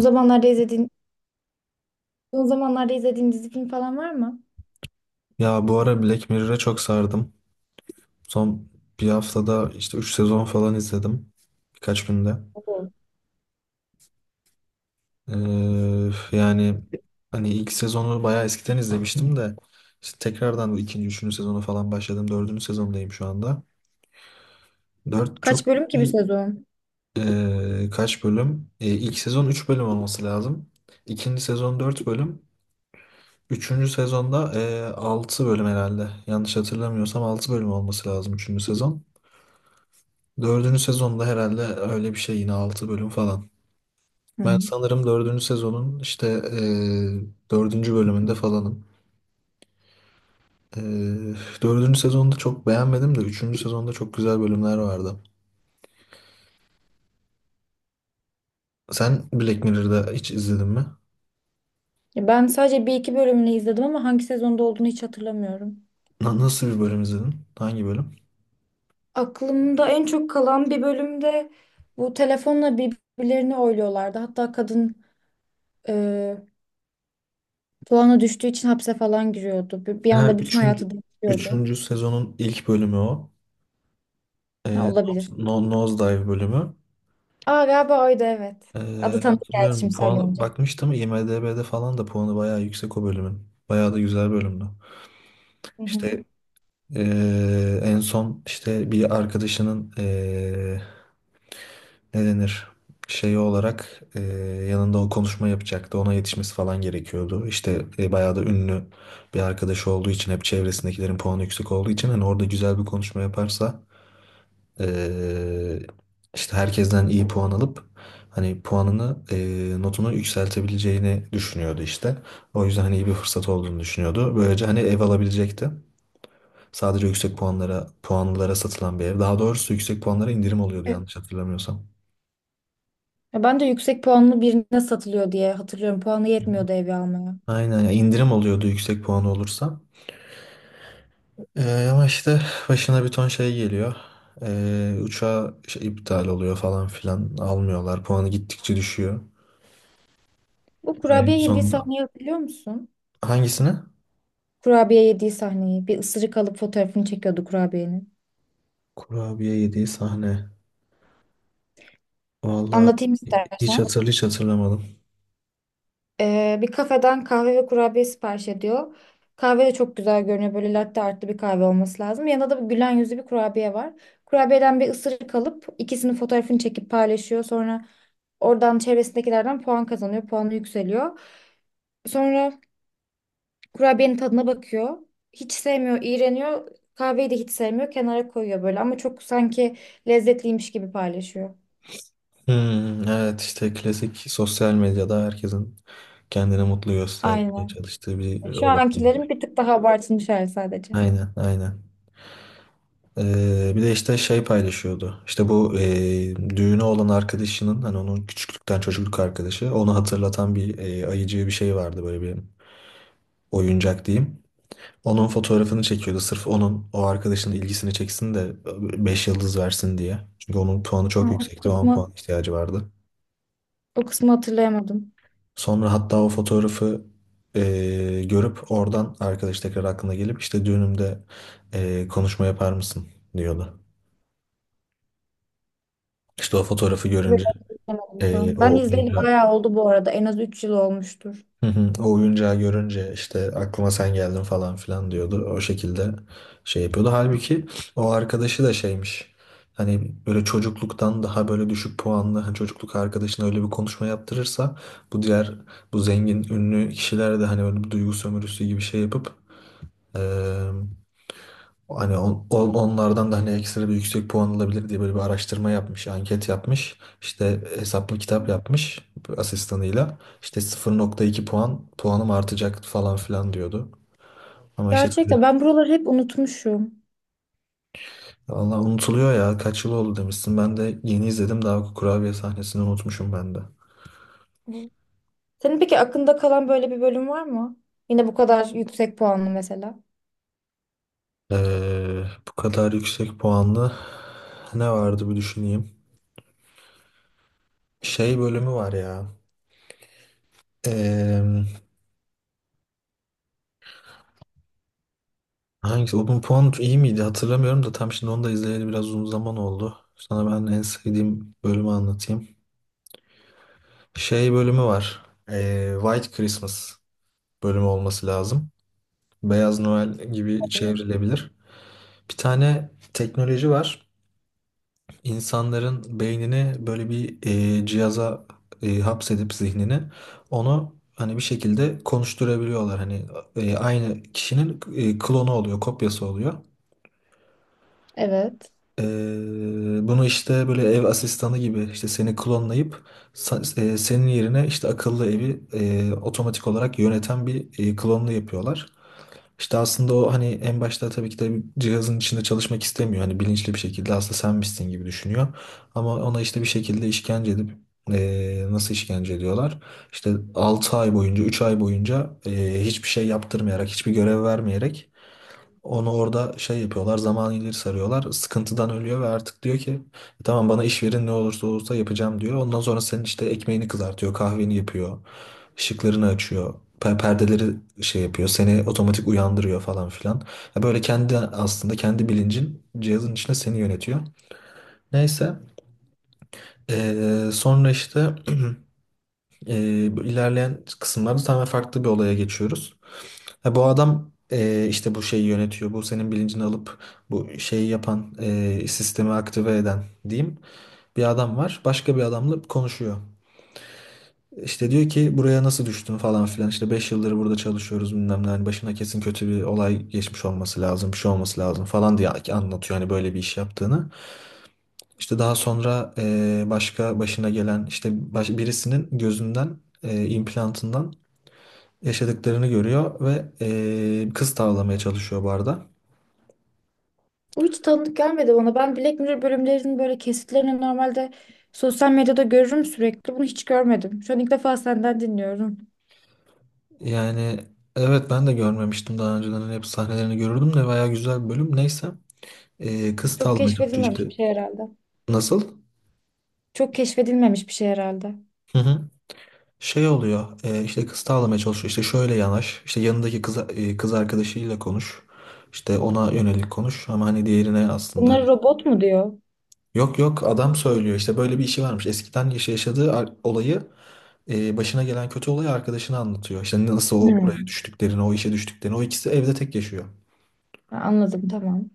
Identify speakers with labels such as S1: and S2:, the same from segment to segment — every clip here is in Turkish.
S1: O zamanlarda izlediğin, Son zamanlarda izlediğin dizi film falan var mı?
S2: Ya bu ara Black Mirror'a çok sardım. Son bir haftada işte 3 sezon falan izledim. Birkaç günde.
S1: Oo.
S2: Ee, yani hani ilk sezonu bayağı eskiden izlemiştim de işte tekrardan bu ikinci, üçüncü sezonu falan başladım. Dördüncü sezondayım şu anda. Dört çok
S1: Kaç bölüm ki bir sezon?
S2: kaç bölüm? İlk sezon 3 bölüm olması lazım. İkinci sezon 4 bölüm. Üçüncü sezonda altı bölüm herhalde. Yanlış hatırlamıyorsam 6 bölüm olması lazım üçüncü sezon. Dördüncü sezonda herhalde öyle bir şey yine altı bölüm falan. Ben
S1: Hı.
S2: sanırım dördüncü sezonun işte dördüncü bölümünde falanım. E, Dördüncü sezonda çok beğenmedim de üçüncü sezonda çok güzel bölümler vardı. Sen Black Mirror'da hiç izledin mi?
S1: Ya ben sadece bir iki bölümünü izledim ama hangi sezonda olduğunu hiç hatırlamıyorum.
S2: Nasıl bir bölüm izledin? Hangi bölüm?
S1: Aklımda en çok kalan bir bölümde, bu telefonla birbirlerini oyluyorlardı. Hatta kadın e, puanı düştüğü için hapse falan giriyordu. Bir
S2: Ha,
S1: anda bütün
S2: üçüncü,
S1: hayatı değişiyordu.
S2: üçüncü sezonun ilk bölümü o.
S1: Ha,
S2: E,
S1: olabilir.
S2: no, Nosedive bölümü.
S1: Aa, galiba oydu, evet. Adı
S2: E,
S1: tanıdık geldi
S2: Hatırlıyorum,
S1: şimdi
S2: puan
S1: söyleyince.
S2: bakmıştım IMDb'de falan da puanı bayağı yüksek o bölümün. Bayağı da güzel bölümdü.
S1: Hı hı.
S2: İşte. En son işte bir arkadaşının ne denir şeyi olarak, yanında o konuşma yapacaktı. Ona yetişmesi falan gerekiyordu. İşte bayağı da ünlü bir arkadaşı olduğu için, hep çevresindekilerin puanı yüksek olduğu için, hani orada güzel bir konuşma yaparsa eee, işte herkesten iyi puan alıp hani puanını, notunu yükseltebileceğini düşünüyordu işte. O yüzden hani iyi bir fırsat olduğunu düşünüyordu. Böylece hani ev alabilecekti. Sadece yüksek puanlara satılan bir ev. Daha doğrusu yüksek puanlara indirim oluyordu yanlış hatırlamıyorsam.
S1: Ya ben de yüksek puanlı birine satılıyor diye hatırlıyorum. Puanı
S2: Hı hı.
S1: yetmiyordu evi almaya.
S2: Aynen ya, indirim oluyordu yüksek puanı olursa. Ama işte başına bir ton şey geliyor. Uçağı şey, iptal oluyor falan filan. Almıyorlar. Puanı gittikçe düşüyor.
S1: Bu
S2: Böyle en
S1: kurabiye yediği
S2: sonunda.
S1: sahneyi hatırlıyor musun?
S2: Hangisine?
S1: Kurabiye yediği sahneyi. Bir ısırık alıp fotoğrafını çekiyordu kurabiyenin.
S2: Kurabiye yediği sahne. Vallahi
S1: Anlatayım istersen.
S2: hiç hatırlamadım.
S1: Bir kafeden kahve ve kurabiye sipariş ediyor. Kahve de çok güzel görünüyor. Böyle latte artlı bir kahve olması lazım. Yanında da bir gülen yüzlü bir kurabiye var. Kurabiyeden bir ısırık alıp ikisinin fotoğrafını çekip paylaşıyor. Sonra oradan çevresindekilerden puan kazanıyor. Puanı yükseliyor. Sonra kurabiyenin tadına bakıyor. Hiç sevmiyor, iğreniyor. Kahveyi de hiç sevmiyor. Kenara koyuyor böyle ama çok sanki lezzetliymiş gibi paylaşıyor.
S2: Hmm, evet işte klasik sosyal medyada herkesin kendini mutlu göstermeye
S1: Aynen.
S2: çalıştığı bir
S1: Şu
S2: olay.
S1: ankilerin bir tık daha abartılmış hali sadece.
S2: Aynen, aynen. Bir de işte şey paylaşıyordu. İşte bu düğünü olan arkadaşının, hani onun küçüklükten çocukluk arkadaşı, onu hatırlatan bir ayıcı bir şey vardı, böyle bir oyuncak diyeyim. Onun fotoğrafını çekiyordu sırf onun o arkadaşının ilgisini çeksin de 5 yıldız versin diye. Çünkü onun puanı çok
S1: Ama o
S2: yüksekti ve 10
S1: kısmı
S2: puan ihtiyacı vardı.
S1: O kısmı hatırlayamadım.
S2: Sonra hatta o fotoğrafı görüp oradan arkadaş tekrar aklına gelip işte düğünümde konuşma yapar mısın diyordu. İşte o fotoğrafı
S1: Evet,
S2: görünce
S1: hatırlayamadım,
S2: Ee,
S1: tamam. Ben
S2: o
S1: izleyeli
S2: oyuncağı,
S1: bayağı oldu bu arada. En az 3 yıl olmuştur.
S2: Hı hı, o oyuncağı görünce işte aklıma sen geldin falan filan diyordu. O şekilde şey yapıyordu. Halbuki o arkadaşı da şeymiş. Hani böyle çocukluktan daha böyle düşük puanlı, hani çocukluk arkadaşına öyle bir konuşma yaptırırsa bu diğer bu zengin ünlü kişiler de hani böyle bir duygu sömürüsü gibi şey yapıp hani onlardan da hani ekstra bir yüksek puan alabilir diye, böyle bir araştırma yapmış, anket yapmış. İşte hesaplı kitap yapmış asistanıyla. İşte 0.2 puan, puanım artacak falan filan diyordu. Ama işte tabii
S1: Gerçekten ben buraları hep unutmuşum.
S2: Allah, unutuluyor ya, kaç yıl oldu demişsin. Ben de yeni izledim, daha kurabiye sahnesini unutmuşum ben de.
S1: Senin peki aklında kalan böyle bir bölüm var mı? Yine bu kadar yüksek puanlı mesela.
S2: Bu kadar yüksek puanlı ne vardı bir düşüneyim. Şey bölümü var ya. Hangisi? Open Pond iyi miydi? Hatırlamıyorum da tam şimdi, onu da izleyeli biraz uzun zaman oldu. Sana ben en sevdiğim bölümü anlatayım. Şey bölümü var. White Christmas bölümü olması lazım. Beyaz Noel gibi çevrilebilir. Bir tane teknoloji var. İnsanların beynini böyle bir cihaza hapsedip zihnini, onu hani bir şekilde konuşturabiliyorlar. Hani aynı kişinin klonu oluyor, kopyası oluyor.
S1: Evet.
S2: Ee, Bunu işte böyle ev asistanı gibi, işte seni klonlayıp senin yerine işte akıllı evi otomatik olarak yöneten bir klonlu yapıyorlar. İşte aslında o hani en başta tabii ki de cihazın içinde çalışmak istemiyor. Hani bilinçli bir şekilde aslında sen misin gibi düşünüyor. Ama ona işte bir şekilde işkence edip nasıl işkence ediyorlar? İşte 6 ay boyunca, 3 ay boyunca hiçbir şey yaptırmayarak, hiçbir görev vermeyerek onu orada şey yapıyorlar, zaman ileri sarıyorlar. Sıkıntıdan ölüyor ve artık diyor ki tamam bana iş verin, ne olursa olursa yapacağım diyor. Ondan sonra senin işte ekmeğini kızartıyor, kahveni yapıyor, ışıklarını açıyor, perdeleri şey yapıyor, seni otomatik uyandırıyor falan filan. Ya böyle kendi, aslında kendi bilincin cihazın içinde seni yönetiyor. Neyse, sonra işte bu ilerleyen kısımlarda tamamen farklı bir olaya geçiyoruz. Ha, bu adam işte bu şeyi yönetiyor. Bu senin bilincini alıp bu şeyi yapan, sistemi aktive eden diyeyim. Bir adam var. Başka bir adamla konuşuyor. İşte diyor ki buraya nasıl düştün falan filan. İşte 5 yıldır burada çalışıyoruz bilmem ne. Hani başına kesin kötü bir olay geçmiş olması lazım. Bir şey olması lazım falan diye anlatıyor hani böyle bir iş yaptığını. İşte daha sonra başka başına gelen işte, birisinin gözünden, implantından yaşadıklarını görüyor ve kız tavlamaya çalışıyor barda.
S1: Bu hiç tanıdık gelmedi bana. Ben Black Mirror bölümlerinin böyle kesitlerini normalde sosyal medyada görürüm sürekli. Bunu hiç görmedim. Şu an ilk defa senden dinliyorum.
S2: Yani evet, ben de görmemiştim daha önceden. Hani hep sahnelerini görürdüm de bayağı güzel bir bölüm. Neyse, kız
S1: Çok
S2: tavlamaya çalışıyor
S1: keşfedilmemiş
S2: işte.
S1: bir şey herhalde.
S2: Nasıl?
S1: Çok keşfedilmemiş bir şey herhalde.
S2: Hı hı. Şey oluyor, işte kız tavlamaya çalışıyor işte şöyle yanaş, işte yanındaki kız, kız arkadaşıyla konuş, işte ona yönelik konuş, ama hani diğerine aslında hani.
S1: Bunları robot mu diyor?
S2: Yok yok, adam söylüyor işte böyle bir işi varmış eskiden, yaşadığı olayı, başına gelen kötü olayı arkadaşına anlatıyor, işte nasıl o oraya
S1: Hmm.
S2: düştüklerini, o işe düştüklerini, o ikisi evde tek yaşıyor.
S1: Ha, anladım, tamam.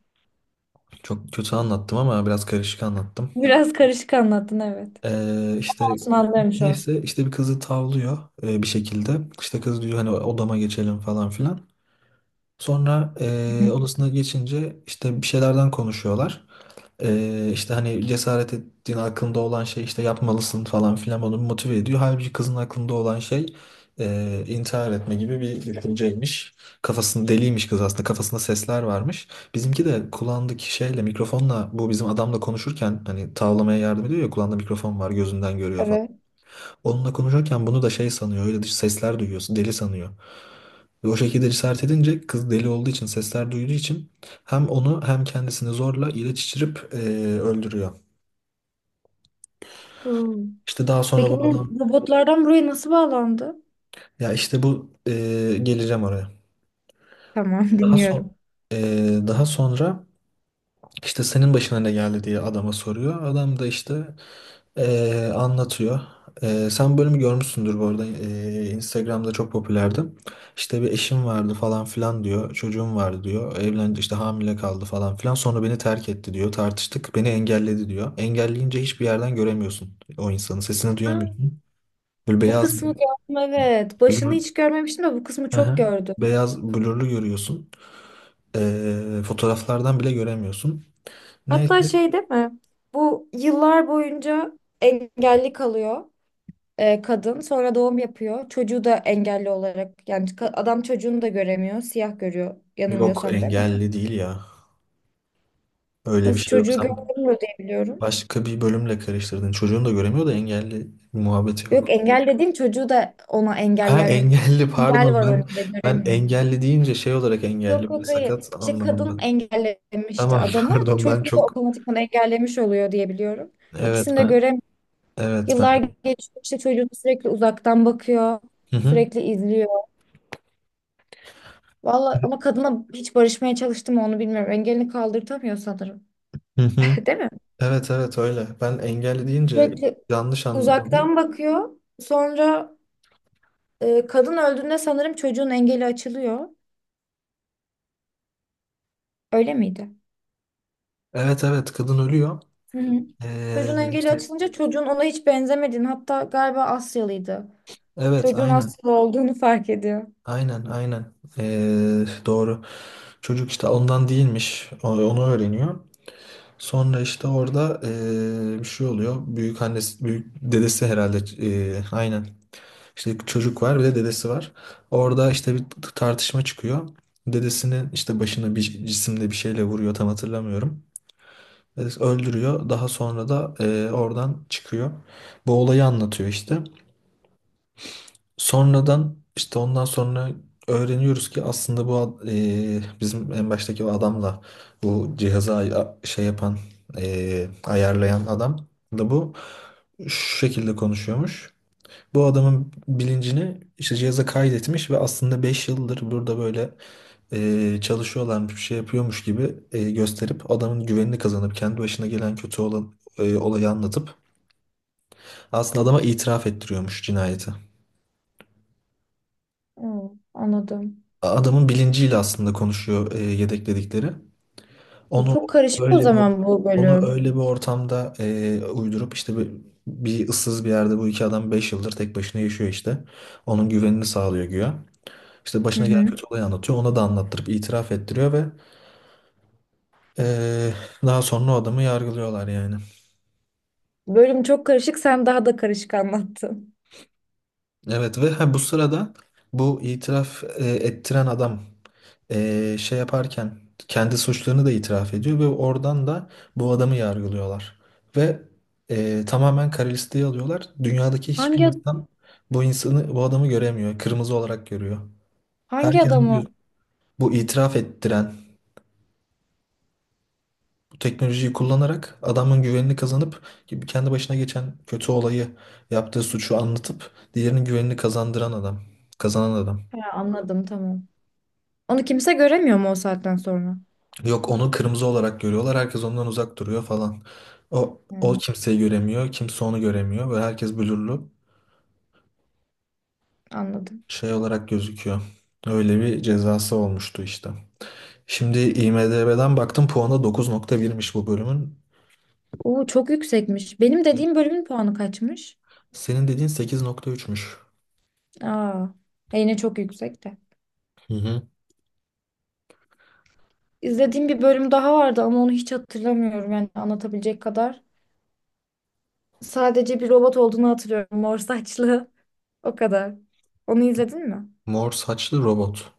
S2: Çok kötü anlattım, ama biraz karışık anlattım.
S1: Biraz karışık anlattın, evet.
S2: İşte
S1: Olsun, anlarım şu an.
S2: neyse, işte bir kızı tavlıyor bir şekilde. İşte kız diyor hani odama geçelim falan filan. Sonra
S1: Hı hı.
S2: odasına geçince işte bir şeylerden konuşuyorlar. İşte hani cesaret ettiğin aklında olan şey, işte yapmalısın falan filan, onu motive ediyor. Halbuki kızın aklında olan şey intihar etme gibi bir düşünceymiş. Kafasını deliymiş kız aslında, kafasında sesler varmış. Bizimki de kulağındaki şeyle, mikrofonla, bu bizim adamla konuşurken hani tavlamaya yardım ediyor ya, kulağında mikrofon var, gözünden görüyor falan.
S1: Evet.
S2: Onunla konuşurken bunu da şey sanıyor, öyle dış sesler duyuyorsun deli sanıyor. Ve o şekilde cesaret edince kız, deli olduğu için, sesler duyduğu için hem onu hem kendisini zorla ilaç içirip öldürüyor.
S1: Hmm.
S2: İşte daha sonra
S1: Peki
S2: bu adam,
S1: bu robotlardan buraya nasıl bağlandı?
S2: ya işte bu geleceğim oraya.
S1: Tamam,
S2: Daha son
S1: dinliyorum.
S2: e, daha sonra işte senin başına ne geldi diye adama soruyor. Adam da işte anlatıyor. Sen bölümü görmüşsündür bu arada. Instagram'da çok popülerdi. İşte bir eşim vardı falan filan diyor. Çocuğum vardı diyor. Evlendi, işte hamile kaldı falan filan. Sonra beni terk etti diyor. Tartıştık. Beni engelledi diyor. Engelleyince hiçbir yerden göremiyorsun o insanı. Sesini
S1: Aa,
S2: duyamıyorsun. Böyle
S1: bu
S2: beyaz
S1: kısmı gördüm, evet. Başını
S2: bir.
S1: hiç görmemiştim de bu kısmı çok
S2: Aha.
S1: gördüm.
S2: Beyaz blurlu görüyorsun. Fotoğraflardan bile göremiyorsun.
S1: Hatta
S2: Neyse.
S1: şey değil mi? Bu yıllar boyunca engelli kalıyor kadın. Sonra doğum yapıyor. Çocuğu da engelli olarak. Yani adam çocuğunu da göremiyor. Siyah görüyor
S2: Yok,
S1: yanılmıyorsam, değil mi?
S2: engelli değil ya. Öyle bir
S1: Nasıl,
S2: şey yok.
S1: çocuğu
S2: Sen
S1: göremiyor diye biliyorum.
S2: başka bir bölümle karıştırdın. Çocuğun da göremiyor da, engelli muhabbeti
S1: Yok,
S2: yok.
S1: engel dediğim çocuğu da ona engel,
S2: Ha,
S1: yani
S2: engelli
S1: engel
S2: pardon,
S1: var
S2: ben
S1: önünde,
S2: ben
S1: göremiyor.
S2: engelli deyince şey olarak,
S1: Yok
S2: engelli böyle
S1: yok, hayır.
S2: sakat
S1: İşte kadın
S2: anlamında.
S1: engellemişti
S2: Tamam
S1: adamı.
S2: pardon
S1: Çocuğu
S2: ben
S1: da
S2: çok,
S1: otomatikman engellemiş oluyor diye biliyorum.
S2: evet
S1: İkisini de
S2: ben
S1: göremiyor.
S2: evet ben
S1: Yıllar
S2: çok
S1: geçiyor işte, çocuğunu sürekli uzaktan bakıyor.
S2: hı hı.
S1: Sürekli izliyor. Vallahi ama kadına hiç barışmaya çalıştım mı onu bilmiyorum. Engelini kaldırtamıyor sanırım.
S2: Hı hı.
S1: Değil mi?
S2: Evet evet öyle. Ben engelli deyince
S1: Sürekli
S2: yanlış anladım.
S1: uzaktan bakıyor. Sonra kadın öldüğünde sanırım çocuğun engeli açılıyor. Öyle miydi?
S2: Evet evet, kadın ölüyor.
S1: Hı hı. Çocuğun engeli
S2: İşte
S1: açılınca çocuğun ona hiç benzemediğini, hatta galiba Asyalıydı.
S2: evet,
S1: Çocuğun Asyalı olduğunu fark ediyor.
S2: aynen. Doğru, çocuk işte ondan değilmiş, onu öğreniyor. Sonra işte orada, bir şey oluyor, büyük annesi, büyük dedesi herhalde, aynen. İşte çocuk var, bir de dedesi var orada, işte bir tartışma çıkıyor, dedesinin işte başına bir cisimle, bir şeyle vuruyor, tam hatırlamıyorum. Dedesi öldürüyor. Daha sonra da oradan çıkıyor, bu olayı anlatıyor işte. Sonradan işte, ondan sonra öğreniyoruz ki aslında bu bizim en baştaki o adamla bu cihazı şey yapan, ayarlayan adam da bu şu şekilde konuşuyormuş. Bu adamın bilincini işte cihaza kaydetmiş ve aslında 5 yıldır burada böyle çalışıyorlarmış, bir şey yapıyormuş gibi gösterip adamın güvenini kazanıp kendi başına gelen kötü olan olayı anlatıp aslında adama itiraf ettiriyormuş cinayeti.
S1: Hı, anladım.
S2: Adamın bilinciyle aslında konuşuyor, yedekledikleri.
S1: Bu
S2: Onu
S1: çok karışık o
S2: öyle bir
S1: zaman bu
S2: onu
S1: bölüm.
S2: öyle bir ortamda uydurup işte bir ıssız bir yerde. Bu iki adam 5 yıldır tek başına yaşıyor işte. Onun güvenini sağlıyor güya. İşte
S1: Hı
S2: başına gelen
S1: hı.
S2: kötü olayı anlatıyor. Ona da anlattırıp itiraf ettiriyor ve e, daha sonra o adamı yargılıyorlar yani.
S1: Bölüm çok karışık, sen daha da karışık anlattın.
S2: Evet, ve ha, bu sırada bu itiraf ettiren adam, şey yaparken kendi suçlarını da itiraf ediyor ve oradan da bu adamı yargılıyorlar. Ve tamamen kara listeye alıyorlar. Dünyadaki hiçbir
S1: Hangi
S2: insan bu insanı, bu adamı göremiyor. Kırmızı olarak görüyor.
S1: hangi
S2: Herkesin
S1: adamı?
S2: göz- bu itiraf ettiren, bu teknolojiyi kullanarak adamın güvenini kazanıp gibi kendi başına geçen kötü olayı, yaptığı suçu anlatıp diğerinin güvenini kazanan adam.
S1: Ha, anladım, tamam. Onu kimse göremiyor mu o saatten sonra?
S2: Yok, onu kırmızı olarak görüyorlar. Herkes ondan uzak duruyor falan. O
S1: Hı,
S2: kimseyi göremiyor. Kimse onu göremiyor. Ve herkes blurlu
S1: anladım.
S2: şey olarak gözüküyor. Öyle bir cezası olmuştu işte. Şimdi IMDb'den baktım, puanı 9.1'miş bu bölümün.
S1: Oo, çok yüksekmiş. Benim
S2: E,
S1: dediğim bölümün puanı kaçmış?
S2: Senin dediğin 8.3'müş.
S1: Aa, yine çok yüksek de.
S2: Hı hı.
S1: İzlediğim bir bölüm daha vardı ama onu hiç hatırlamıyorum yani anlatabilecek kadar. Sadece bir robot olduğunu hatırlıyorum. Mor saçlı. O kadar. Onu izledin mi?
S2: Mor saçlı robot.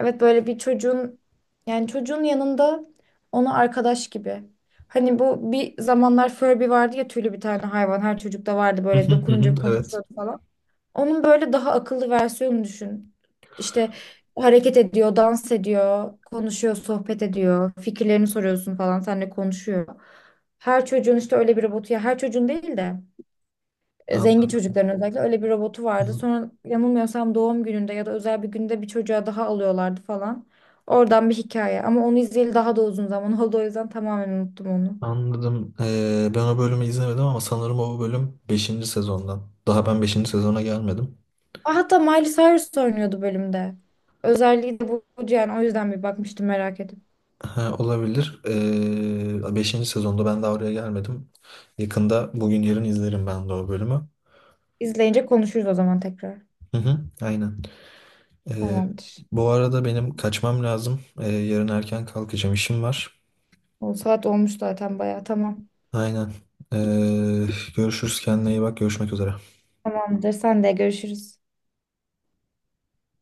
S1: Evet, böyle bir çocuğun, yani çocuğun yanında, onu arkadaş gibi. Hani bu bir zamanlar Furby vardı ya, tüylü bir tane hayvan, her çocukta vardı,
S2: Hı
S1: böyle
S2: hı hı hı,
S1: dokununca
S2: evet.
S1: konuşuyordu falan. Onun böyle daha akıllı versiyonunu düşün. İşte hareket ediyor, dans ediyor, konuşuyor, sohbet ediyor, fikirlerini soruyorsun falan, seninle konuşuyor. Her çocuğun işte öyle bir robotu, ya her çocuğun değil de zengin çocukların özellikle öyle bir robotu vardı.
S2: Anladım.
S1: Sonra yanılmıyorsam doğum gününde ya da özel bir günde bir çocuğa daha alıyorlardı falan. Oradan bir hikaye ama onu izleyeli daha da uzun zaman oldu, o yüzden tamamen unuttum onu.
S2: Anladım. Ben o bölümü izlemedim ama sanırım o bölüm beşinci sezondan. Daha ben beşinci sezona gelmedim.
S1: Aa, hatta Miley Cyrus oynuyordu bölümde. Özelliği de bu yani, o yüzden bir bakmıştım merak edip.
S2: Ha, olabilir. 5. sezonda ben daha oraya gelmedim. Yakında bugün yarın izlerim ben de o bölümü.
S1: İzleyince konuşuruz o zaman tekrar.
S2: Hı hı, aynen. Ee,
S1: Tamamdır.
S2: Bu arada benim kaçmam lazım. Yarın erken kalkacağım, işim var.
S1: O saat olmuş zaten bayağı. Tamam.
S2: Aynen. Ee, Görüşürüz, kendine iyi bak. Görüşmek üzere.
S1: Tamamdır. Sen de görüşürüz.